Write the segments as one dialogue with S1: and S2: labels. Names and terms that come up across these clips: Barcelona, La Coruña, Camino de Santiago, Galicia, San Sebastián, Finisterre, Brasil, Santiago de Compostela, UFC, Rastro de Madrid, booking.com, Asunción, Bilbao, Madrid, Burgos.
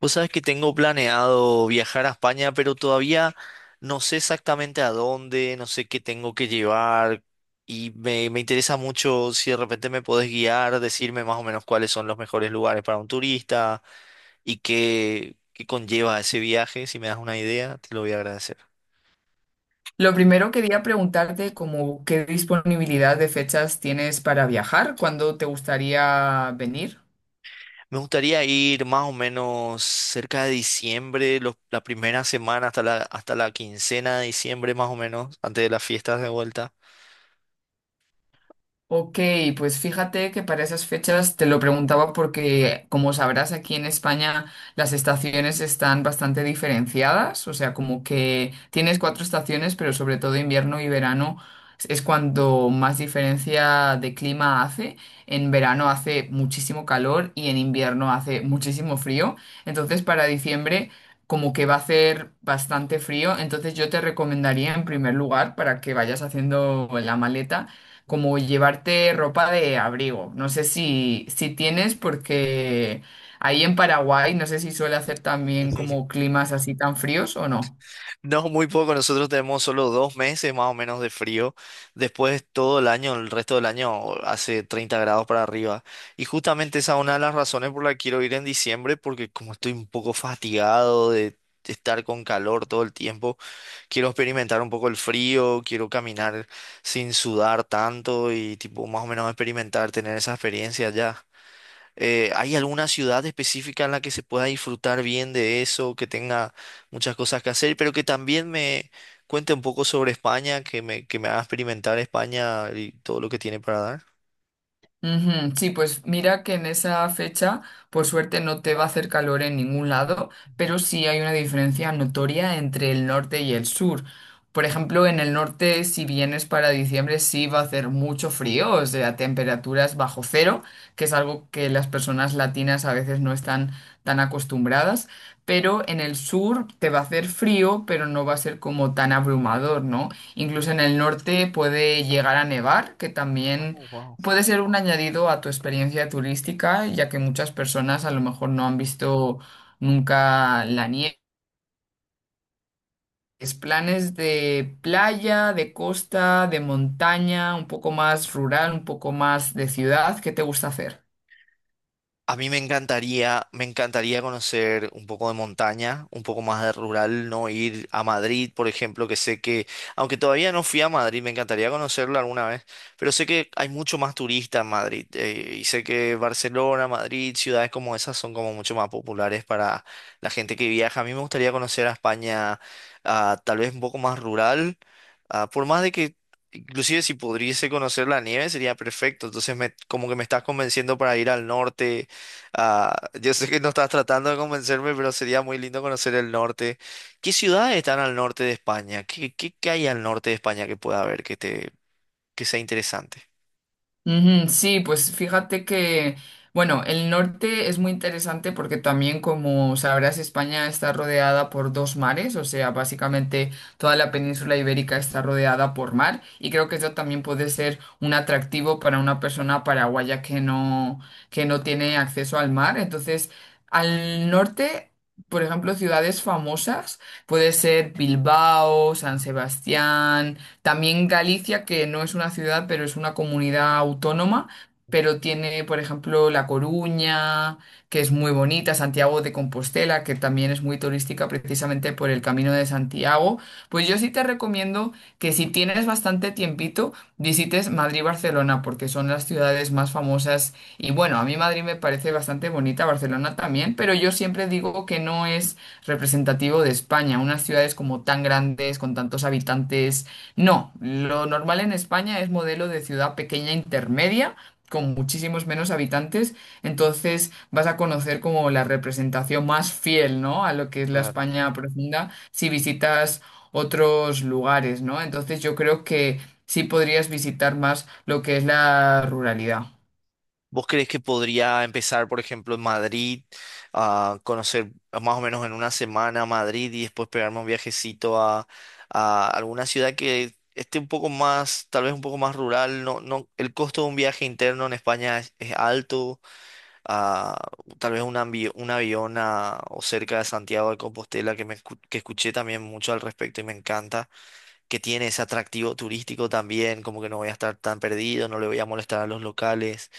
S1: Vos sabés que tengo planeado viajar a España, pero todavía no sé exactamente a dónde, no sé qué tengo que llevar y me interesa mucho si de repente me podés guiar, decirme más o menos cuáles son los mejores lugares para un turista y qué conlleva ese viaje. Si me das una idea, te lo voy a agradecer.
S2: Lo primero quería preguntarte como qué disponibilidad de fechas tienes para viajar, cuándo te gustaría venir.
S1: Me gustaría ir más o menos cerca de diciembre, la primera semana hasta la quincena de diciembre más o menos, antes de las fiestas de vuelta.
S2: Ok, pues fíjate que para esas fechas te lo preguntaba porque, como sabrás, aquí en España las estaciones están bastante diferenciadas, o sea, como que tienes cuatro estaciones, pero sobre todo invierno y verano es cuando más diferencia de clima hace. En verano hace muchísimo calor y en invierno hace muchísimo frío. Entonces, para diciembre, como que va a hacer bastante frío, entonces yo te recomendaría en primer lugar, para que vayas haciendo la maleta, como llevarte ropa de abrigo. No sé si tienes, porque ahí en Paraguay no sé si suele hacer también como climas así tan fríos o no.
S1: No, muy poco. Nosotros tenemos solo dos meses más o menos de frío. Después todo el año, el resto del año hace 30 grados para arriba. Y justamente esa es una de las razones por la que quiero ir en diciembre, porque como estoy un poco fatigado de estar con calor todo el tiempo, quiero experimentar un poco el frío, quiero caminar sin sudar tanto y tipo más o menos experimentar, tener esa experiencia ya. ¿Hay alguna ciudad específica en la que se pueda disfrutar bien de eso, que tenga muchas cosas que hacer, pero que también me cuente un poco sobre España, que me haga experimentar España y todo lo que tiene para dar?
S2: Ujú. Sí, pues mira que en esa fecha, por suerte, no te va a hacer calor en ningún lado, pero sí hay una diferencia notoria entre el norte y el sur. Por ejemplo, en el norte, si vienes para diciembre, sí va a hacer mucho frío, o sea, temperaturas bajo cero, que es algo que las personas latinas a veces no están tan acostumbradas, pero en el sur te va a hacer frío, pero no va a ser como tan abrumador, ¿no? Incluso en el norte puede llegar a nevar, que también
S1: Oh, wow.
S2: puede ser un añadido a tu experiencia turística, ya que muchas personas a lo mejor no han visto nunca la nieve. Es planes de playa, de costa, de montaña, un poco más rural, un poco más de ciudad, ¿qué te gusta hacer?
S1: A mí me encantaría conocer un poco de montaña, un poco más de rural, no ir a Madrid, por ejemplo, que sé que, aunque todavía no fui a Madrid, me encantaría conocerlo alguna vez, pero sé que hay mucho más turista en Madrid, y sé que Barcelona, Madrid, ciudades como esas son como mucho más populares para la gente que viaja. A mí me gustaría conocer a España, ah, tal vez un poco más rural. Ah, por más de que, inclusive si pudiese conocer la nieve, sería perfecto. Entonces, como que me estás convenciendo para ir al norte. Ah, yo sé que no estás tratando de convencerme, pero sería muy lindo conocer el norte. ¿Qué ciudades están al norte de España? ¿Qué hay al norte de España que pueda haber que sea interesante?
S2: Ujú. Sí, pues fíjate que, bueno, el norte es muy interesante porque también, como sabrás, España está rodeada por dos mares, o sea, básicamente toda la península ibérica está rodeada por mar y creo que eso también puede ser un atractivo para una persona paraguaya que no tiene acceso al mar. Entonces, al norte, por ejemplo, ciudades famosas, puede ser Bilbao, San Sebastián, también Galicia, que no es una ciudad, pero es una comunidad autónoma, pero tiene, por ejemplo, La Coruña, que es muy bonita, Santiago de Compostela, que también es muy turística precisamente por el Camino de Santiago. Pues yo sí te recomiendo que si tienes bastante tiempito, visites Madrid y Barcelona, porque son las ciudades más famosas. Y bueno, a mí Madrid me parece bastante bonita, Barcelona también, pero yo siempre digo que no es representativo de España. Unas ciudades como tan grandes, con tantos habitantes no, lo normal en España es modelo de ciudad pequeña intermedia, con muchísimos menos habitantes, entonces vas a conocer como la representación más fiel, ¿no? A lo que es la
S1: Claro.
S2: España profunda, si visitas otros lugares, ¿no? Entonces yo creo que sí podrías visitar más lo que es la ruralidad.
S1: ¿Vos crees que podría empezar, por ejemplo, en Madrid, a conocer más o menos en una semana Madrid y después pegarme un viajecito a alguna ciudad que esté un poco más, tal vez un poco más rural? No, no, el costo de un viaje interno en España es alto. Ah, tal vez un avión o cerca de Santiago de Compostela, que escuché también mucho al respecto y me encanta que tiene ese atractivo turístico también, como que no voy a estar tan perdido, no le voy a molestar a los locales,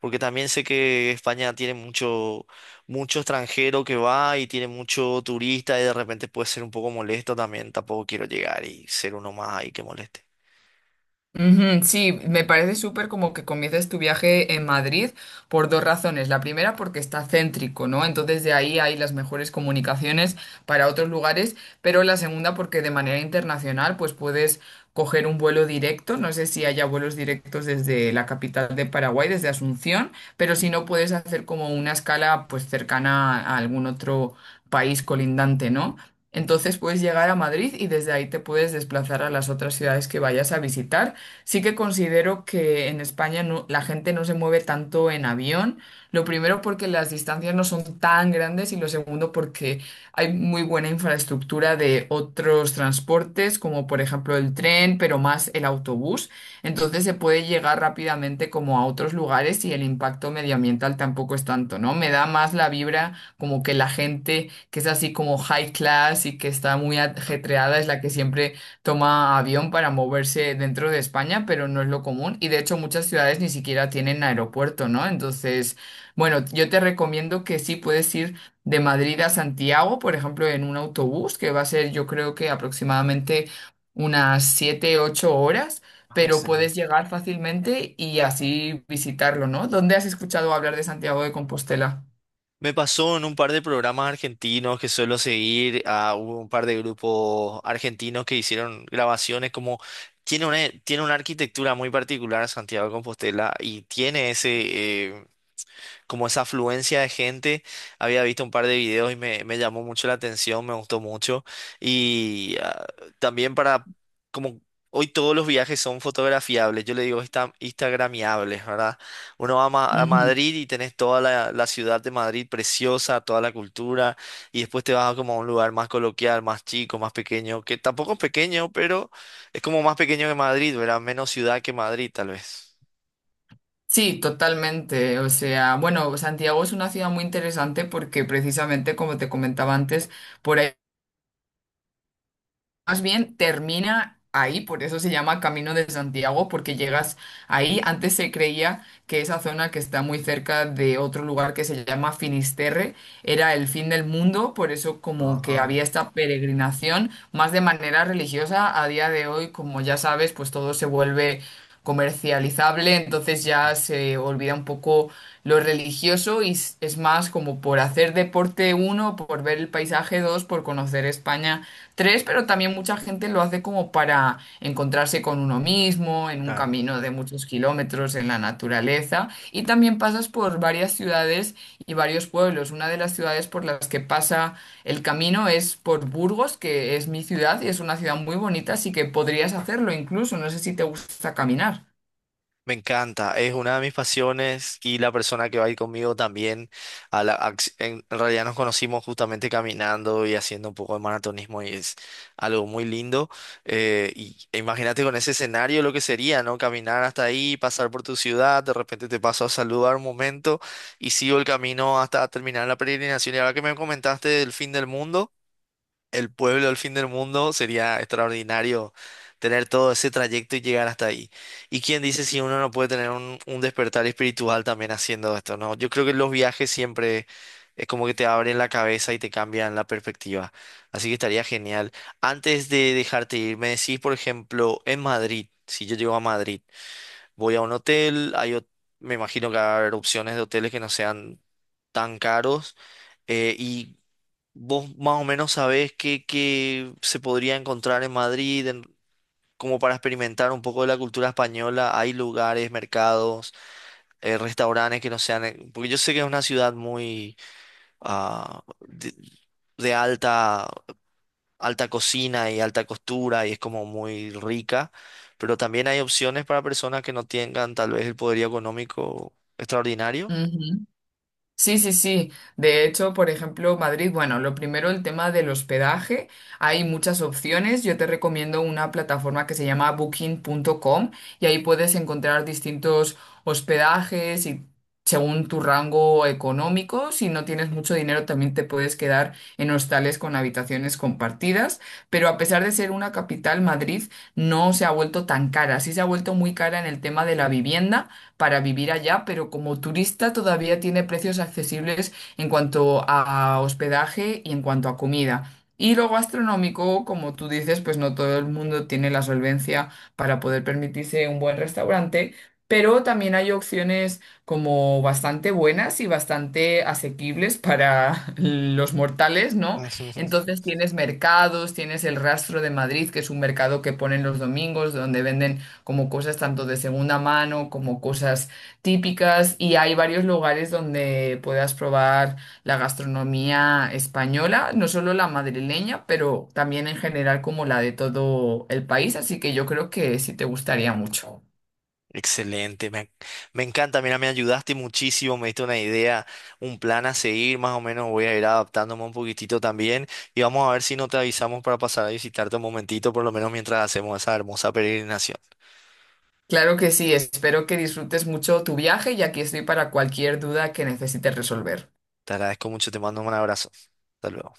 S1: porque también sé que España tiene mucho extranjero que va y tiene mucho turista y de repente puede ser un poco molesto también, tampoco quiero llegar y ser uno más ahí que moleste.
S2: Ujú. Sí, me parece súper como que comiences tu viaje en Madrid por dos razones. La primera, porque está céntrico, ¿no? Entonces de ahí hay las mejores comunicaciones para otros lugares, pero la segunda, porque de manera internacional, pues puedes coger un vuelo directo. No sé si haya vuelos directos desde la capital de Paraguay, desde Asunción, pero si no, puedes hacer como una escala pues cercana a algún otro país colindante, ¿no?
S1: Ujú.
S2: Entonces puedes llegar a Madrid y desde ahí te puedes desplazar a las otras ciudades que vayas a visitar. Sí que considero que en España no- la gente no se mueve tanto en avión. Lo primero porque las distancias no son tan grandes y lo segundo porque hay muy buena infraestructura de otros transportes, como por ejemplo el tren, pero más el autobús. Entonces se puede llegar rápidamente como a otros lugares y el impacto medioambiental tampoco es tanto, ¿no? Me da más la vibra como que la gente que es así como high class y que está muy ajetreada es la que siempre toma avión para moverse dentro de España, pero no es lo común y de hecho muchas ciudades ni siquiera tienen aeropuerto, ¿no? Entonces, bueno, yo te recomiendo que sí puedes ir de Madrid a Santiago, por ejemplo, en un autobús, que va a ser yo creo que aproximadamente unas 7 u 8 horas,
S1: Ah,
S2: pero puedes
S1: excelente.
S2: llegar fácilmente y así visitarlo, ¿no? ¿Dónde has escuchado hablar de Santiago de Compostela?
S1: Me pasó en un par de programas argentinos que suelo seguir, a un par de grupos argentinos que hicieron grabaciones como tiene una, tiene una arquitectura muy particular Santiago de Compostela y tiene ese eh, como esa afluencia de gente. Había visto un par de videos y me llamó mucho la atención, me gustó mucho. Y ah, también para, como hoy todos los viajes son fotografiables, yo le digo instagramiables, ¿verdad? Uno va a
S2: Ujú.
S1: Madrid y tenés toda la ciudad de Madrid preciosa, toda la cultura, y después te vas a como a un lugar más coloquial, más chico, más pequeño, que tampoco es pequeño, pero es como más pequeño que Madrid, ¿verdad? Menos ciudad que Madrid, tal vez.
S2: Sí, totalmente. O sea, bueno, Santiago es una ciudad muy interesante porque precisamente, como te comentaba antes, por ahí más bien termina ahí, por eso se llama Camino de Santiago, porque llegas ahí. Antes se creía que esa zona que está muy cerca de otro lugar que se llama Finisterre era el fin del mundo, por eso como que
S1: Ah,
S2: había esta peregrinación, más de manera religiosa. A día de hoy, como ya sabes, pues todo se vuelve comercializable, entonces ya se olvida un poco lo religioso y es más como por hacer deporte uno, por ver el paisaje dos, por conocer España tres, pero también mucha gente lo hace como para encontrarse con uno mismo, en un
S1: claro.
S2: camino de muchos kilómetros, en la naturaleza y también pasas por varias ciudades y varios pueblos. Una de las ciudades por las que pasa el camino es por Burgos, que es mi ciudad y es una ciudad muy bonita, así que podrías hacerlo incluso. No sé si te gusta caminar.
S1: Me encanta, es una de mis pasiones y la persona que va a ir conmigo también. A en realidad nos conocimos justamente caminando y haciendo un poco de maratonismo y es algo muy lindo. E imagínate con ese escenario lo que sería, ¿no? Caminar hasta ahí, pasar por tu ciudad, de repente te paso a saludar un momento y sigo el camino hasta terminar la peregrinación. Y ahora que me comentaste del fin del mundo, el pueblo del fin del mundo, sería extraordinario tener todo ese trayecto y llegar hasta ahí. ¿Y quién dice si uno no puede tener un despertar espiritual también haciendo esto, ¿no? Yo creo que los viajes siempre es como que te abren la cabeza y te cambian la perspectiva. Así que estaría genial. Antes de dejarte ir, me decís, por ejemplo, en Madrid, si yo llego a Madrid, voy a un hotel, me imagino que va a haber opciones de hoteles que no sean tan caros. Y vos más o menos sabés qué se podría encontrar en Madrid, como para experimentar un poco de la cultura española. Hay lugares, mercados, restaurantes que no sean... Porque yo sé que es una ciudad muy ah, de, de alta cocina y alta costura y es como muy rica, pero también hay opciones para personas que no tengan tal vez el poder económico extraordinario.
S2: Sí, sí, sí. De hecho, por ejemplo, Madrid, bueno, lo primero, el tema del hospedaje. Hay muchas opciones. Yo te recomiendo una plataforma que se llama booking.com y ahí puedes encontrar distintos hospedajes y según tu rango económico, si no tienes mucho dinero, también te puedes quedar en hostales con habitaciones compartidas. Pero a pesar de ser una capital, Madrid no se ha vuelto tan cara. Sí se ha vuelto muy cara en el tema de la vivienda para vivir allá, pero como turista todavía tiene precios accesibles en cuanto a hospedaje y en cuanto a comida. Y lo gastronómico, como tú dices, pues no todo el mundo tiene la solvencia para poder permitirse un buen restaurante, pero también hay opciones como bastante buenas y bastante asequibles para los mortales, ¿no? Entonces tienes mercados, tienes el Rastro de Madrid, que es un mercado que ponen los domingos, donde venden como cosas tanto de segunda mano como cosas típicas y hay varios lugares donde puedas probar la gastronomía española, no solo la madrileña, pero también en general como la de todo el país, así que yo creo que sí te gustaría mucho.
S1: Excelente, me encanta, mira, me ayudaste muchísimo, me diste una idea, un plan a seguir, más o menos voy a ir adaptándome un poquitito también y vamos a ver si no te avisamos para pasar a visitarte un momentito, por lo menos mientras hacemos esa hermosa peregrinación.
S2: Claro que sí, espero que disfrutes mucho tu viaje y aquí estoy para cualquier duda que necesites resolver.
S1: Te agradezco mucho, te mando un abrazo. Hasta luego.